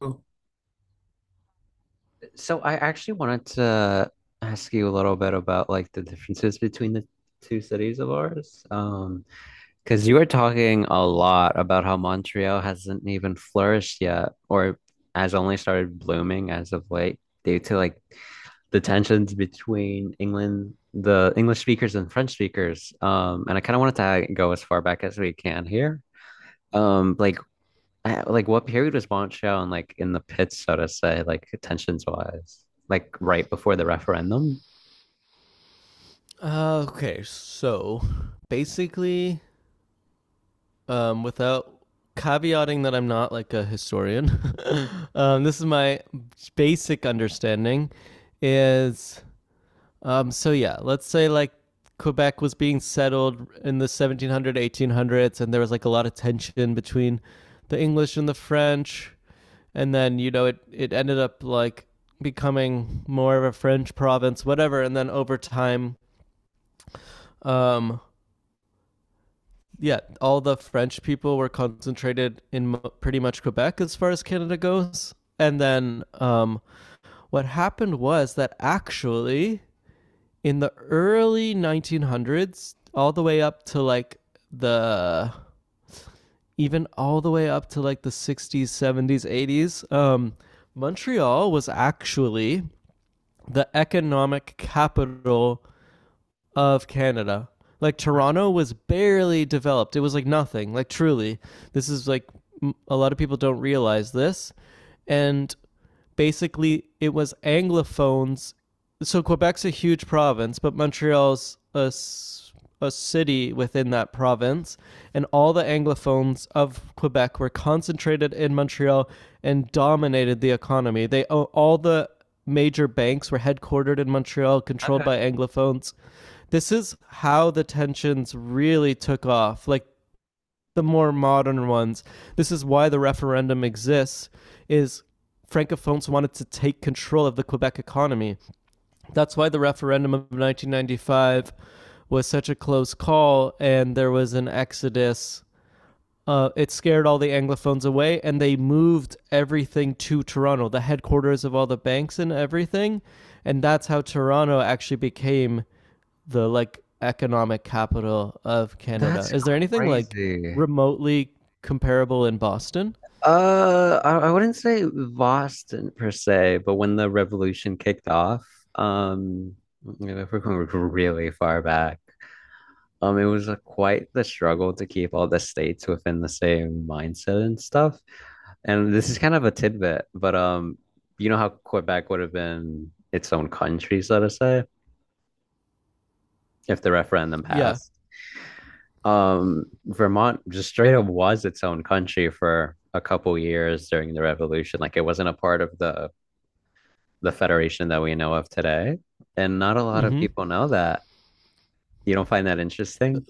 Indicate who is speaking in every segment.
Speaker 1: Oh, So I actually wanted to ask you a little bit about like the differences between the two cities of ours. Because you were talking a lot about how Montreal hasn't even flourished yet, or has only started blooming as of late, due to like the tensions between England, the English speakers and French speakers. And I kind of wanted to go as far back as we can here. Um, like like what period was Montreal in, like in the pits, so to say, like tensions wise? Like right before the referendum?
Speaker 2: Okay, so basically, without caveating that I'm not like a historian, this is my basic understanding. Is so yeah, let's say like Quebec was being settled in the 1700s, 1800s, and there was like a lot of tension between the English and the French, and then you know it ended up like becoming more of a French province, whatever, and then over time um, yeah, all the French people were concentrated in pretty much Quebec as far as Canada goes. And then what happened was that actually in the early 1900s, all the way up to like the even all the way up to like the 60s, 70s, 80s, Montreal was actually the economic capital of Canada. Like Toronto was barely developed. It was like nothing. Like truly, this is like a lot of people don't realize this, and basically it was Anglophones. So Quebec's a huge province, but Montreal's a city within that province, and all the Anglophones of Quebec were concentrated in Montreal and dominated the economy. The major banks were headquartered in Montreal, controlled by Anglophones. This is how the tensions really took off, like the more modern ones. This is why the referendum exists is francophones wanted to take control of the Quebec economy. That's why the referendum of 1995 was such a close call and there was an exodus. It scared all the Anglophones away and they moved everything to Toronto, the headquarters of all the banks and everything. And that's how Toronto actually became the like economic capital of Canada.
Speaker 1: That's
Speaker 2: Is there anything like
Speaker 1: crazy.
Speaker 2: remotely comparable in Boston?
Speaker 1: I wouldn't say Boston per se, but when the revolution kicked off, um, you know, if we're going really far back, it was quite the struggle to keep all the states within the same mindset and stuff. And this is kind of a tidbit, but you know how Quebec would have been its own country, so to say. If the referendum
Speaker 2: Yeah.
Speaker 1: passed. Vermont just straight up was its own country for a couple years during the revolution. Like it wasn't a part of the federation that we know of today, and not a lot of
Speaker 2: Mhm.
Speaker 1: people know that. You don't find that interesting?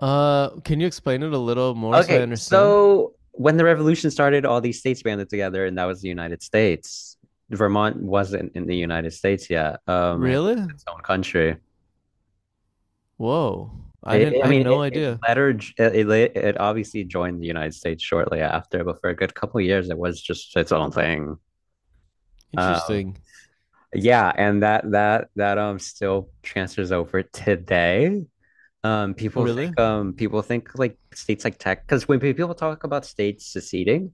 Speaker 2: Can you explain it a little more so I
Speaker 1: Okay,
Speaker 2: understand?
Speaker 1: so when the revolution started, all these states banded together, and that was the United States. Vermont wasn't in the United States yet. It was
Speaker 2: Really?
Speaker 1: its own country.
Speaker 2: Whoa.
Speaker 1: It, I
Speaker 2: I had
Speaker 1: mean,
Speaker 2: no
Speaker 1: it
Speaker 2: idea.
Speaker 1: lettered, it obviously joined the United States shortly after, but for a good couple of years, it was just its own thing. Um,
Speaker 2: Interesting.
Speaker 1: yeah, and that still transfers over today.
Speaker 2: Oh, really?
Speaker 1: People think like states like Texas, because when people talk about states seceding,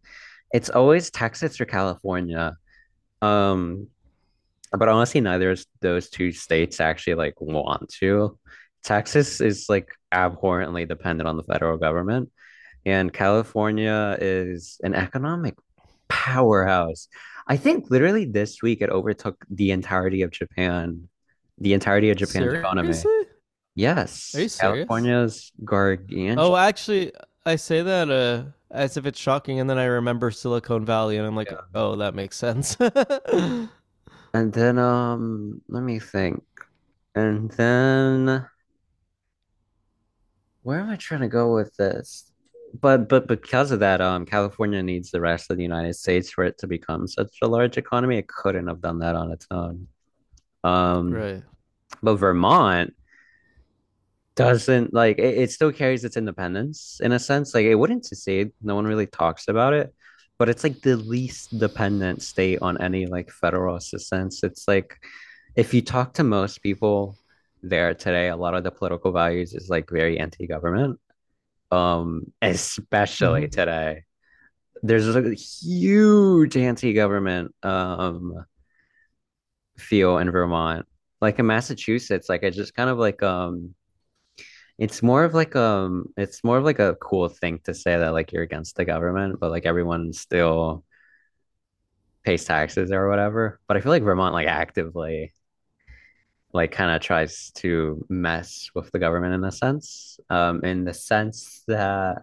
Speaker 1: it's always Texas or California. Um, but honestly, neither of those two states actually like want to. Texas is like abhorrently dependent on the federal government. And California is an economic powerhouse. I think literally this week it overtook the entirety of Japan, the entirety of Japan's economy.
Speaker 2: Seriously? Are you
Speaker 1: Yes,
Speaker 2: serious?
Speaker 1: California's gargantuan.
Speaker 2: Oh, actually I say that as if it's shocking and then I remember Silicon Valley and I'm like, "Oh, that makes sense." Right.
Speaker 1: And then let me think. And then where am I trying to go with this? But because of that, California needs the rest of the United States for it to become such a large economy. It couldn't have done that on its own. Um, but Vermont doesn't like it still carries its independence in a sense. Like it wouldn't secede. No one really talks about it, but it's like the least dependent state on any like federal assistance. It's like if you talk to most people there today, a lot of the political values is like very anti-government. Especially
Speaker 2: Mhm.
Speaker 1: today. There's a huge anti-government feel in Vermont. Like in Massachusetts, like I just kind of like it's more of like it's more of like a cool thing to say that like you're against the government, but like everyone still pays taxes or whatever. But I feel like Vermont like actively like kind of tries to mess with the government in a sense. In the sense that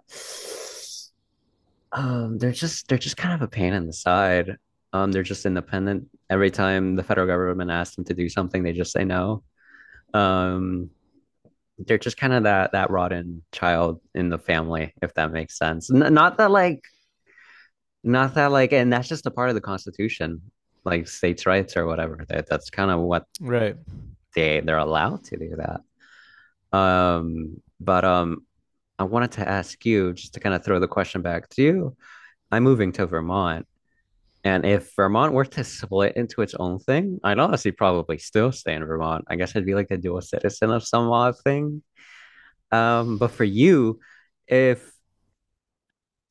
Speaker 1: they're just kind of a pain in the side. They're just independent. Every time the federal government asks them to do something, they just say no. Um they're just kind of that rotten child in the family, if that makes sense. N- not that like, not that like, And that's just a part of the Constitution, like states' rights or whatever. That's kind of what
Speaker 2: Right.
Speaker 1: they're allowed to do that. But I wanted to ask you just to kind of throw the question back to you. I'm moving to Vermont, and if Vermont were to split into its own thing, I'd honestly probably still stay in Vermont. I guess I'd be like a dual citizen of some odd thing. But for you, if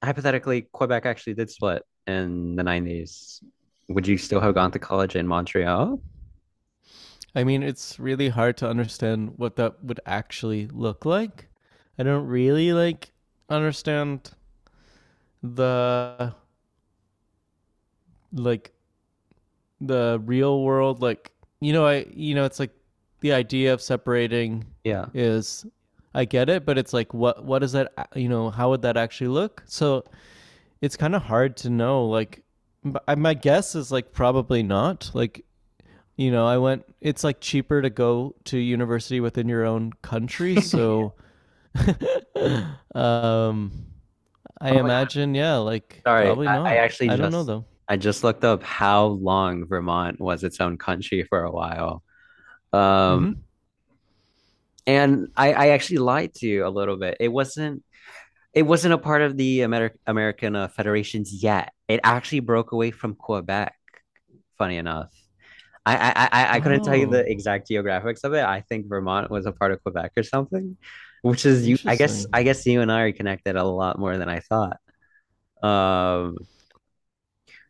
Speaker 1: hypothetically Quebec actually did split in the 90s, would you still have gone to college in Montreal?
Speaker 2: I mean, it's really hard to understand what that would actually look like. I don't really like understand the like the real world like you know, it's like the idea of separating
Speaker 1: Yeah.
Speaker 2: is, I get it, but it's like what is that, you know, how would that actually look? So it's kind of hard to know like my guess is like probably not, like you know I went, it's like cheaper to go to university within your own country, so um, I
Speaker 1: Oh my God,
Speaker 2: imagine, yeah, like
Speaker 1: sorry.
Speaker 2: probably
Speaker 1: I
Speaker 2: not.
Speaker 1: actually
Speaker 2: I don't know
Speaker 1: just
Speaker 2: though.
Speaker 1: I just looked up how long Vermont was its own country for a while. Um,
Speaker 2: Mm-hmm.
Speaker 1: I actually lied to you a little bit. It wasn't a part of the American federations yet. It actually broke away from Quebec. Funny enough, I couldn't tell you
Speaker 2: Oh,
Speaker 1: the exact geographics of it. I think Vermont was a part of Quebec or something, which is you. I guess
Speaker 2: interesting.
Speaker 1: I guess you and I are connected a lot more than I thought. Um,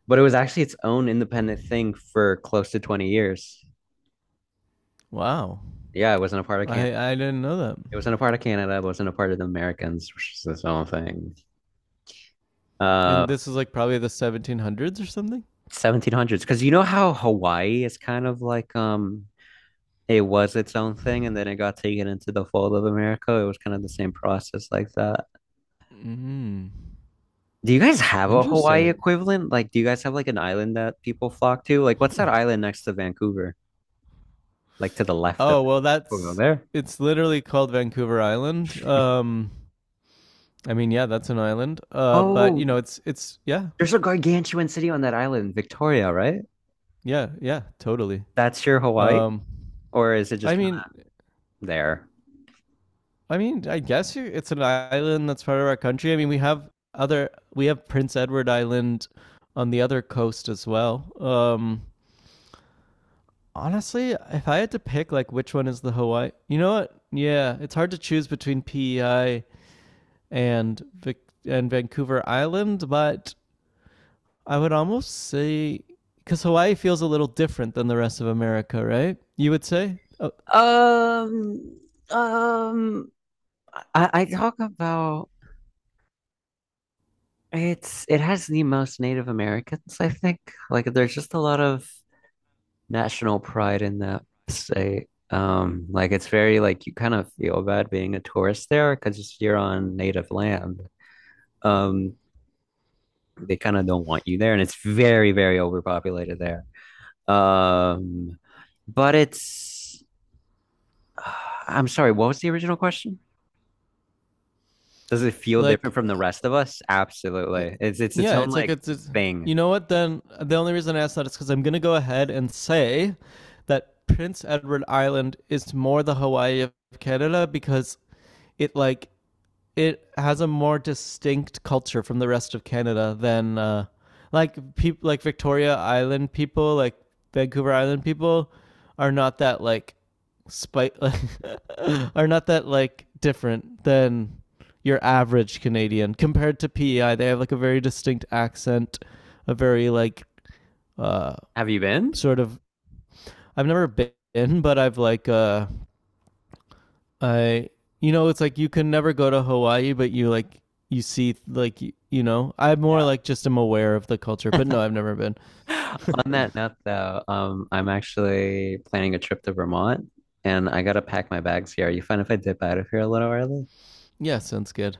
Speaker 1: but it was actually its own independent thing for close to 20 years.
Speaker 2: Wow,
Speaker 1: Yeah, it wasn't a part of Canada.
Speaker 2: I didn't know that.
Speaker 1: It wasn't a part of Canada. It wasn't a part of the Americans, which is its own thing.
Speaker 2: And
Speaker 1: Um,
Speaker 2: this is like probably the 1700s or something.
Speaker 1: 1700s, because you know how Hawaii is kind of like it was its own thing and then it got taken into the fold of America. It was kind of the same process like that.
Speaker 2: Mm-hmm.
Speaker 1: Do you guys have a Hawaii
Speaker 2: Interesting.
Speaker 1: equivalent? Like, do you guys have like an island that people flock to? Like, what's that island next to Vancouver? Like to the left of
Speaker 2: Oh well,
Speaker 1: over
Speaker 2: that's
Speaker 1: there.
Speaker 2: it's literally called Vancouver Island. I mean, yeah, that's an island. But
Speaker 1: Oh,
Speaker 2: you know, it's yeah,
Speaker 1: there's a gargantuan city on that island, Victoria, right?
Speaker 2: yeah, yeah, totally.
Speaker 1: That's your Hawaii,
Speaker 2: Um,
Speaker 1: or is it just
Speaker 2: I
Speaker 1: kind
Speaker 2: mean,
Speaker 1: of there?
Speaker 2: I mean, I guess it's an island that's part of our country. I mean, we have Prince Edward Island on the other coast as well. Um, honestly, if I had to pick like which one is the Hawaii. You know what? Yeah, it's hard to choose between PEI and Vancouver Island, but I would almost say cuz Hawaii feels a little different than the rest of America, right? You would say? Oh,
Speaker 1: Um, um, I talk about It's it has the most Native Americans, I think. Like there's just a lot of national pride in that state. Like it's very like you kind of feel bad being a tourist there because you're on native land. Um, they kind of don't want you there, and it's very, very overpopulated there. Um, but it's I'm sorry, what was the original question? Does it feel different
Speaker 2: like
Speaker 1: from the rest of us?
Speaker 2: I,
Speaker 1: Absolutely. It's its Yeah.
Speaker 2: yeah,
Speaker 1: own
Speaker 2: it's like
Speaker 1: like
Speaker 2: it's,
Speaker 1: thing.
Speaker 2: you know what? Then the only reason I asked that is because I'm gonna go ahead and say that Prince Edward Island is more the Hawaii of Canada because it like it has a more distinct culture from the rest of Canada than like people like Victoria Island people, like Vancouver Island people, are not that like spite like, are not that like different than your average Canadian compared to PEI. They have like a very distinct accent, a very like uh
Speaker 1: Have you been?
Speaker 2: sort of. I've never been, but I've like I you know it's like you can never go to Hawaii, but you like you see like you know. I more
Speaker 1: Yeah.
Speaker 2: like just am aware of the culture, but no, I've never been.
Speaker 1: On that note, though, I'm actually planning a trip to Vermont and I gotta pack my bags here. Are you fine if I dip out of here a little early?
Speaker 2: Yeah, sounds good.